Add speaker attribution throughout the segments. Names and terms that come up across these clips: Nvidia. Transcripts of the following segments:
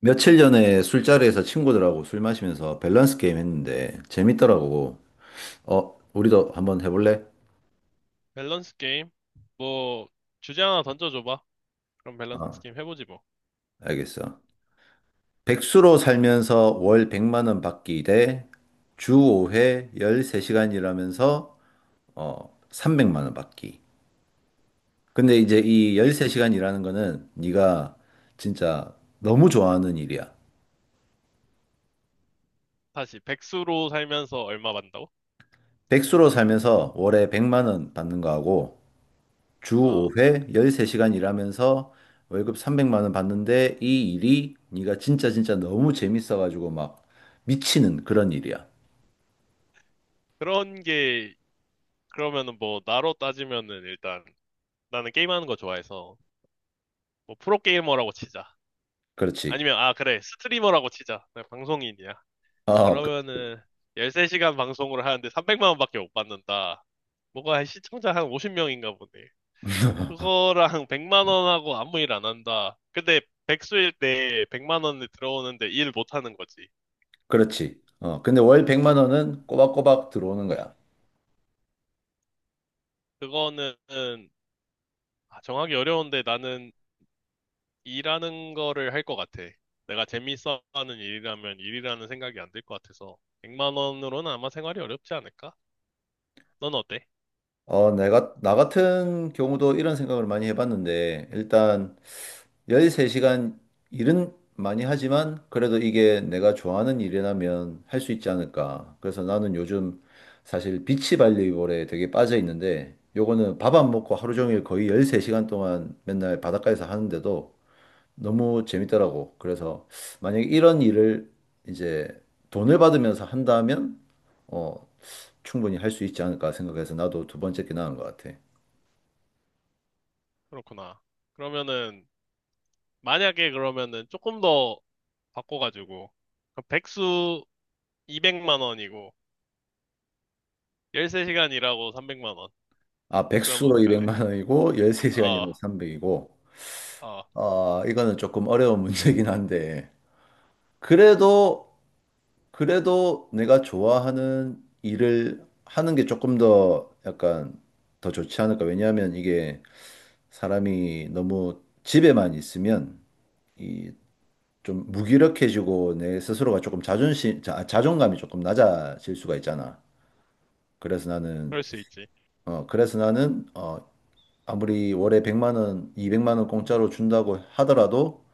Speaker 1: 며칠 전에 술자리에서 친구들하고 술 마시면서 밸런스 게임 했는데 재밌더라고. 우리도 한번 해볼래?
Speaker 2: 밸런스 게임? 뭐, 주제 하나 던져줘봐. 그럼 밸런스
Speaker 1: 어,
Speaker 2: 게임 해보지 뭐.
Speaker 1: 알겠어. 백수로 살면서 월 100만 원 받기 대 주 5회 13시간 일하면서 300만 원 받기. 근데 이제 이
Speaker 2: 백,
Speaker 1: 13시간 일하는 거는 네가 진짜 너무 좋아하는 일이야.
Speaker 2: 다시, 백수로 살면서 얼마 받는다고?
Speaker 1: 백수로 살면서 월에 100만 원 받는 거하고 주
Speaker 2: 아,
Speaker 1: 5회 13시간 일하면서 월급 300만 원 받는데 이 일이 네가 진짜 진짜 너무 재밌어가지고 막 미치는 그런 일이야.
Speaker 2: 그런 게, 그러면은 뭐, 나로 따지면은 일단, 나는 게임하는 거 좋아해서, 뭐, 프로게이머라고 치자.
Speaker 1: 그렇지.
Speaker 2: 아니면, 아, 그래, 스트리머라고 치자. 내가 방송인이야.
Speaker 1: 어, 그,
Speaker 2: 그러면은, 13시간 방송을 하는데 300만 원밖에 못 받는다. 뭐가 한 시청자 한 50명인가 보네. 그거랑 백만 원하고 아무 일 안 한다. 근데 백수일 때 백만 원이 들어오는데 일 못 하는 거지.
Speaker 1: 그렇지. 근데 월 100만 원은 꼬박꼬박 들어오는 거야.
Speaker 2: 그거는 아, 정하기 어려운데 나는 일하는 거를 할 것 같아. 내가 재밌어 하는 일이라면 일이라는 생각이 안 들 것 같아서 백만 원으로는 아마 생활이 어렵지 않을까? 넌 어때?
Speaker 1: 나 같은 경우도 이런 생각을 많이 해봤는데, 일단 13시간 일은 많이 하지만 그래도 이게 내가 좋아하는 일이라면 할 수 있지 않을까. 그래서 나는 요즘 사실 비치 발리볼에 되게 빠져 있는데 요거는 밥 안 먹고 하루 종일 거의 13시간 동안 맨날 바닷가에서 하는데도 너무 재밌더라고. 그래서 만약에 이런 일을 이제 돈을 받으면서 한다면 어, 충분히 할 수 있지 않을까 생각해서 나도 두 번째 게 나은 것 같아.
Speaker 2: 그렇구나. 그러면은 만약에 그러면은 조금 더 바꿔가지고 그럼 백수 200만 원이고 13시간 일하고 300만 원.
Speaker 1: 아,
Speaker 2: 그러면
Speaker 1: 백수로
Speaker 2: 어떡할래?
Speaker 1: 200만 원이고
Speaker 2: 어,
Speaker 1: 13시간이라고 300이고
Speaker 2: 아,
Speaker 1: 아, 이거는 조금 어려운 문제긴 한데, 그래도, 그래도 내가 좋아하는 일을 하는 게 조금 더 약간 더 좋지 않을까. 왜냐하면 이게 사람이 너무 집에만 있으면 이 좀 무기력해지고 내 스스로가 조금 자존감이 조금 낮아질 수가 있잖아. 그래서 나는,
Speaker 2: 그럴 수 있지.
Speaker 1: 그래서 나는, 아무리 월에 100만 원, 200만 원 공짜로 준다고 하더라도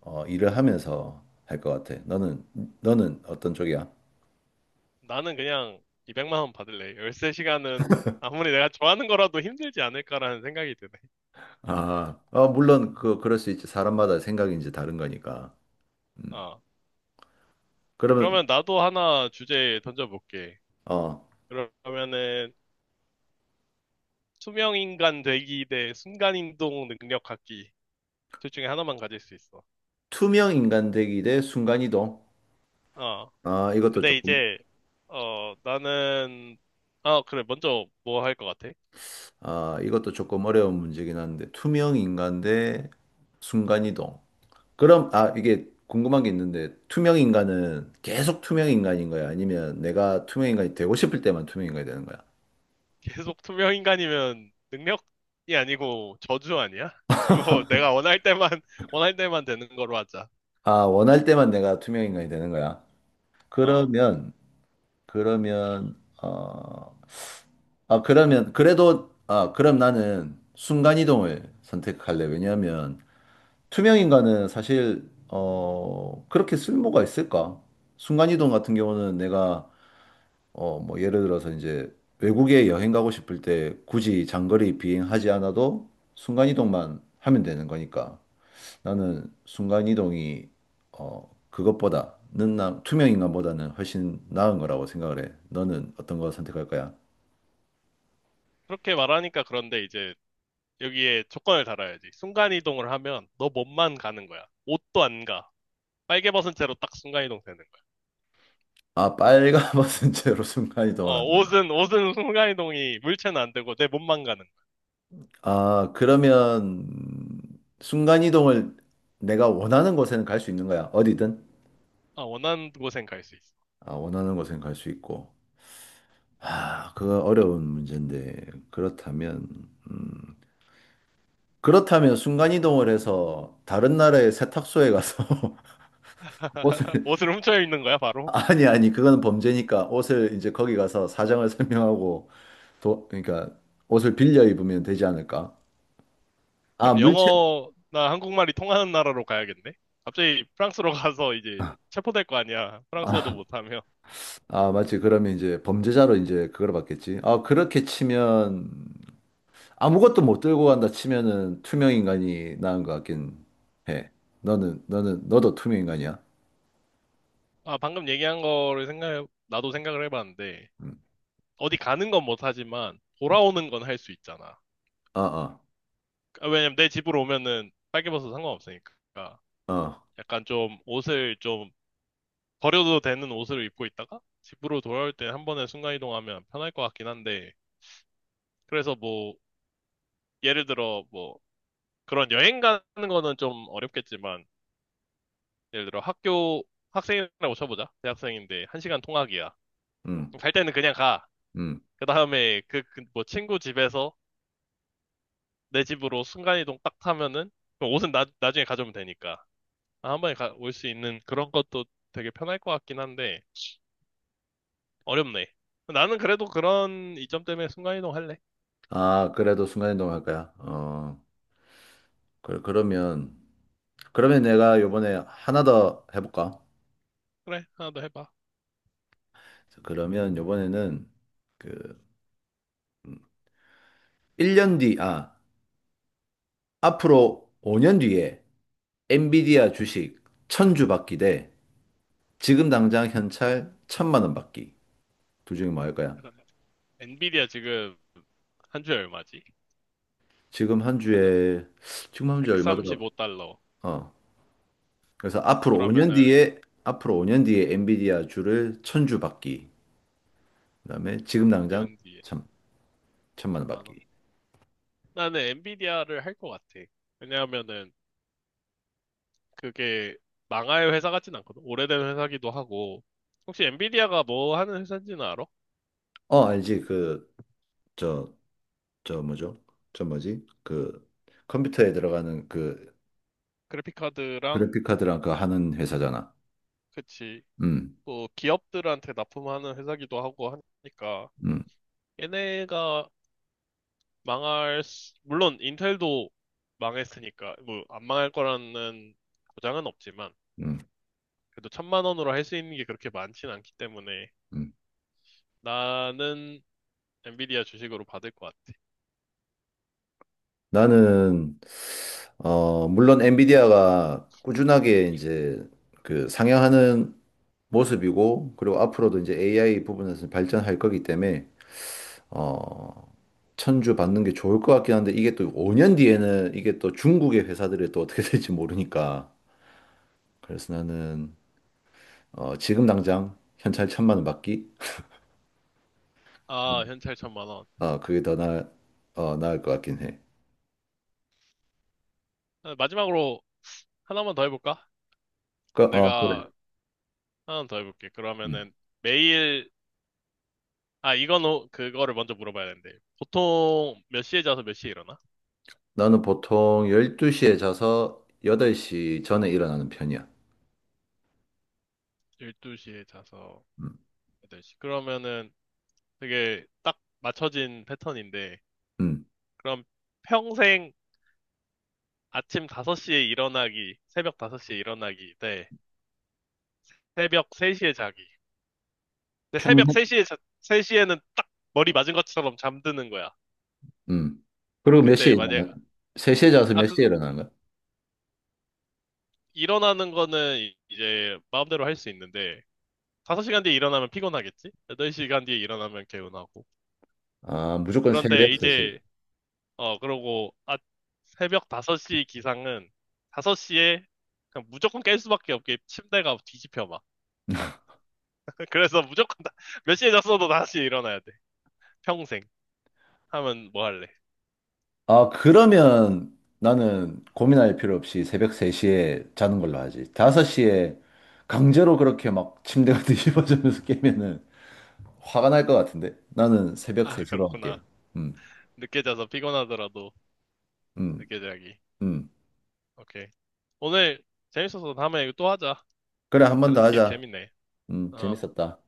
Speaker 1: 일을 하면서 할 것 같아. 너는 어떤 쪽이야?
Speaker 2: 나는 그냥 200만 원 받을래. 13시간은 아무리 내가 좋아하는 거라도 힘들지 않을까라는 생각이 드네.
Speaker 1: 아, 물론 그럴 수 있지. 사람마다 생각이 이제 다른 거니까.
Speaker 2: 어.
Speaker 1: 그러면
Speaker 2: 그러면 나도 하나 주제 던져볼게.
Speaker 1: 어,
Speaker 2: 그러면은 투명인간 되기 대 순간이동 능력 갖기. 둘 중에 하나만 가질 수 있어.
Speaker 1: 투명 인간 되기 대 순간이동.
Speaker 2: 어.
Speaker 1: 아, 이것도
Speaker 2: 근데
Speaker 1: 조금
Speaker 2: 이제, 어, 나는, 아, 그래. 먼저 뭐 할 것 같아?
Speaker 1: 아, 이것도 조금 어려운 문제긴 한데 투명 인간 대 순간이동. 그럼 아, 이게 궁금한 게 있는데 투명 인간은 계속 투명 인간인 거야? 아니면 내가 투명 인간이 되고 싶을 때만 투명 인간이 되는 거야?
Speaker 2: 계속 투명 인간이면 능력이 아니고 저주 아니야? 그거 내가 원할 때만, 원할 때만 되는 거로 하자.
Speaker 1: 아, 원할 때만 내가 투명 인간이 되는 거야?
Speaker 2: 어.
Speaker 1: 그러면 그러면 어, 아 그러면 그래도 아 그럼 나는 순간이동을 선택할래. 왜냐하면 투명 인간은 사실 그렇게 쓸모가 있을까? 순간이동 같은 경우는 내가 뭐 예를 들어서 이제 외국에 여행 가고 싶을 때 굳이 장거리 비행하지 않아도 순간이동만 하면 되는 거니까 나는 순간이동이 그것보다는 나 투명 인간보다는 훨씬 나은 거라고 생각을 해. 너는 어떤 거 선택할 거야?
Speaker 2: 그렇게 말하니까 그런데 이제 여기에 조건을 달아야지. 순간이동을 하면 너 몸만 가는 거야. 옷도 안 가. 빨개 벗은 채로 딱 순간이동 되는 거야.
Speaker 1: 아, 빨가벗은 채로 순간이동을
Speaker 2: 어,
Speaker 1: 한다.
Speaker 2: 옷은 순간이동이 물체는 안 되고 내 몸만 가는 거야.
Speaker 1: 아, 그러면 순간이동을 내가 원하는 곳에는 갈 수 있는 거야. 어디든.
Speaker 2: 아, 원하는 곳엔 갈 수 있어.
Speaker 1: 아, 원하는 곳에는 갈 수 있고. 아, 그거 어려운 문제인데. 음, 그렇다면 순간이동을 해서 다른 나라의 세탁소에 가서 옷을,
Speaker 2: 옷을 훔쳐 입는 거야, 바로?
Speaker 1: 아니, 아니, 그건 범죄니까 옷을 이제 거기 가서 사정을 설명하고, 그러니까 옷을 빌려 입으면 되지 않을까? 아,
Speaker 2: 그럼
Speaker 1: 물체,
Speaker 2: 영어나 한국말이 통하는 나라로 가야겠네? 갑자기 프랑스로 가서 이제 체포될 거 아니야. 프랑스어도
Speaker 1: 아,
Speaker 2: 못하면.
Speaker 1: 아, 맞지. 그러면 이제 범죄자로 이제 그걸 받겠지. 아, 그렇게 치면 아무것도 못 들고 간다 치면은 투명 인간이 나은 것 같긴 해. 너는 너는 너도 투명 인간이야.
Speaker 2: 아, 방금 얘기한 거를 생각, 나도 생각을 해봤는데,
Speaker 1: 음.
Speaker 2: 어디 가는 건 못하지만,
Speaker 1: 음.
Speaker 2: 돌아오는 건 할 수 있잖아.
Speaker 1: 어, 어.
Speaker 2: 아, 왜냐면 내 집으로 오면은 빨개 벗어도 상관없으니까.
Speaker 1: 어.
Speaker 2: 약간 좀 옷을 좀 버려도 되는 옷을 입고 있다가, 집으로 돌아올 때 한 번에 순간이동하면 편할 것 같긴 한데, 그래서 뭐, 예를 들어 뭐, 그런 여행 가는 거는 좀 어렵겠지만, 예를 들어 학교 학생이라고 쳐보자. 대학생인데 1시간 통학이야.
Speaker 1: 음.
Speaker 2: 갈 때는 그냥 가.
Speaker 1: 음.
Speaker 2: 그 다음에 그 뭐 친구 집에서 내 집으로 순간이동 딱 타면은 그 옷은 나중에 가져오면 되니까. 아, 한 번에 올 수 있는 그런 것도 되게 편할 것 같긴 한데 어렵네. 나는 그래도 그런 이점 때문에 순간이동 할래.
Speaker 1: 아, 그래도 순간 이동할 거야. 어. 그, 그러면 그러면 내가 요번에 하나 더 해볼까?
Speaker 2: 그래, 하나 더 해봐.
Speaker 1: 자, 그러면 요번에는 그 1년 뒤, 아, 앞으로 5년 뒤에 엔비디아 주식 천주 받기 대 지금 당장 현찰 천만 원 받기. 둘 중에 뭐 할 거야?
Speaker 2: 그러네. 엔비디아 지금 한 주에 얼마지?
Speaker 1: 지금 한
Speaker 2: 찾아
Speaker 1: 주에 지금 한 주에 얼마 더라
Speaker 2: 135달러.
Speaker 1: 어. 그래서
Speaker 2: 그러면은
Speaker 1: 앞으로 5년 뒤에 엔비디아 주를 천주 받기. 그다음에 지금 당장
Speaker 2: 5년 뒤에
Speaker 1: 천 천만 원
Speaker 2: 10만 원.
Speaker 1: 받기.
Speaker 2: 나는 엔비디아를 할 것 같아. 왜냐하면은 그게 망할 회사 같진 않거든. 오래된 회사기도 하고. 혹시 엔비디아가 뭐 하는 회사인지는 알아?
Speaker 1: 어, 알지? 그 저 저 뭐죠? 저 뭐지? 그 컴퓨터에 들어가는
Speaker 2: 그래픽카드랑
Speaker 1: 그래픽 카드랑 하는 회사잖아.
Speaker 2: 그치.
Speaker 1: 음.
Speaker 2: 또 기업들한테 납품하는 회사기도 하고 하니까
Speaker 1: 음.
Speaker 2: 얘네가 물론 인텔도 망했으니까 뭐 안 망할 거라는 보장은 없지만
Speaker 1: 음.
Speaker 2: 그래도 천만 원으로 할 수 있는 게 그렇게 많진 않기 때문에
Speaker 1: 음.
Speaker 2: 나는 엔비디아 주식으로 받을 것 같아.
Speaker 1: 나는 물론 엔비디아가 꾸준하게 이제 그 상향하는 모습이고, 그리고 앞으로도 이제 AI 부분에서 발전할 거기 때문에, 어, 천주 받는 게 좋을 것 같긴 한데, 이게 또 5년 뒤에는 이게 또 중국의 회사들이 또 어떻게 될지 모르니까. 그래서 나는, 지금 당장 현찰 천만 원 받기?
Speaker 2: 아, 현찰 1,000만 원.
Speaker 1: 그게 더 나을 것 같긴 해.
Speaker 2: 아, 마지막으로 하나만 더 해볼까?
Speaker 1: 그래.
Speaker 2: 내가 하나 더 해볼게.
Speaker 1: 음.
Speaker 2: 그러면은 매일, 아, 이건, 그거를 먼저 물어봐야 되는데. 보통 몇 시에 자서 몇 시에 일어나?
Speaker 1: 나는 보통 12시에 자서 8시 전에 일어나는 편이야.
Speaker 2: 12시에 자서
Speaker 1: 음.
Speaker 2: 8시. 그러면은 되게 딱 맞춰진 패턴인데.
Speaker 1: 음.
Speaker 2: 그럼 평생 아침 5시에 일어나기, 새벽 5시에 일어나기, 대 새벽 3시에 자기. 근데 새벽
Speaker 1: 평생,
Speaker 2: 3시에, 자, 3시에는 딱 머리 맞은 것처럼 잠드는 거야.
Speaker 1: 음. 그리고 몇 시에
Speaker 2: 근데 만약,
Speaker 1: 일어나? 3시에 자서
Speaker 2: 아,
Speaker 1: 몇
Speaker 2: 그,
Speaker 1: 시에 일어나는 거야?
Speaker 2: 일어나는 거는 이제 마음대로 할 수 있는데, 5시간 뒤에 일어나면 피곤하겠지? 8시간 뒤에 일어나면 개운하고.
Speaker 1: 아, 무조건
Speaker 2: 그런데
Speaker 1: 새벽 3시.
Speaker 2: 이제, 어, 그러고, 아, 새벽 5시 기상은 5시에 그냥 무조건 깰 수밖에 없게 침대가 뒤집혀 막. 그래서 무조건 몇 시에 잤어도 5시에 일어나야 돼. 평생. 하면 뭐 할래?
Speaker 1: 아, 그러면 나는 고민할 필요 없이 새벽 3시에 자는 걸로 하지. 5시에 강제로 그렇게 막 침대가 뒤집어지면서 깨면은 화가 날 것 같은데? 나는 새벽
Speaker 2: 아,
Speaker 1: 3시로 할게.
Speaker 2: 그렇구나.
Speaker 1: 음,
Speaker 2: 늦게 자서 피곤하더라도
Speaker 1: 음,
Speaker 2: 늦게 자기.
Speaker 1: 음.
Speaker 2: 오케이. 오늘 재밌어서 다음에 이거 또 하자.
Speaker 1: 그래, 한 번 더
Speaker 2: 밸런스 게임
Speaker 1: 하자.
Speaker 2: 재밌네. 어.
Speaker 1: 재밌었다.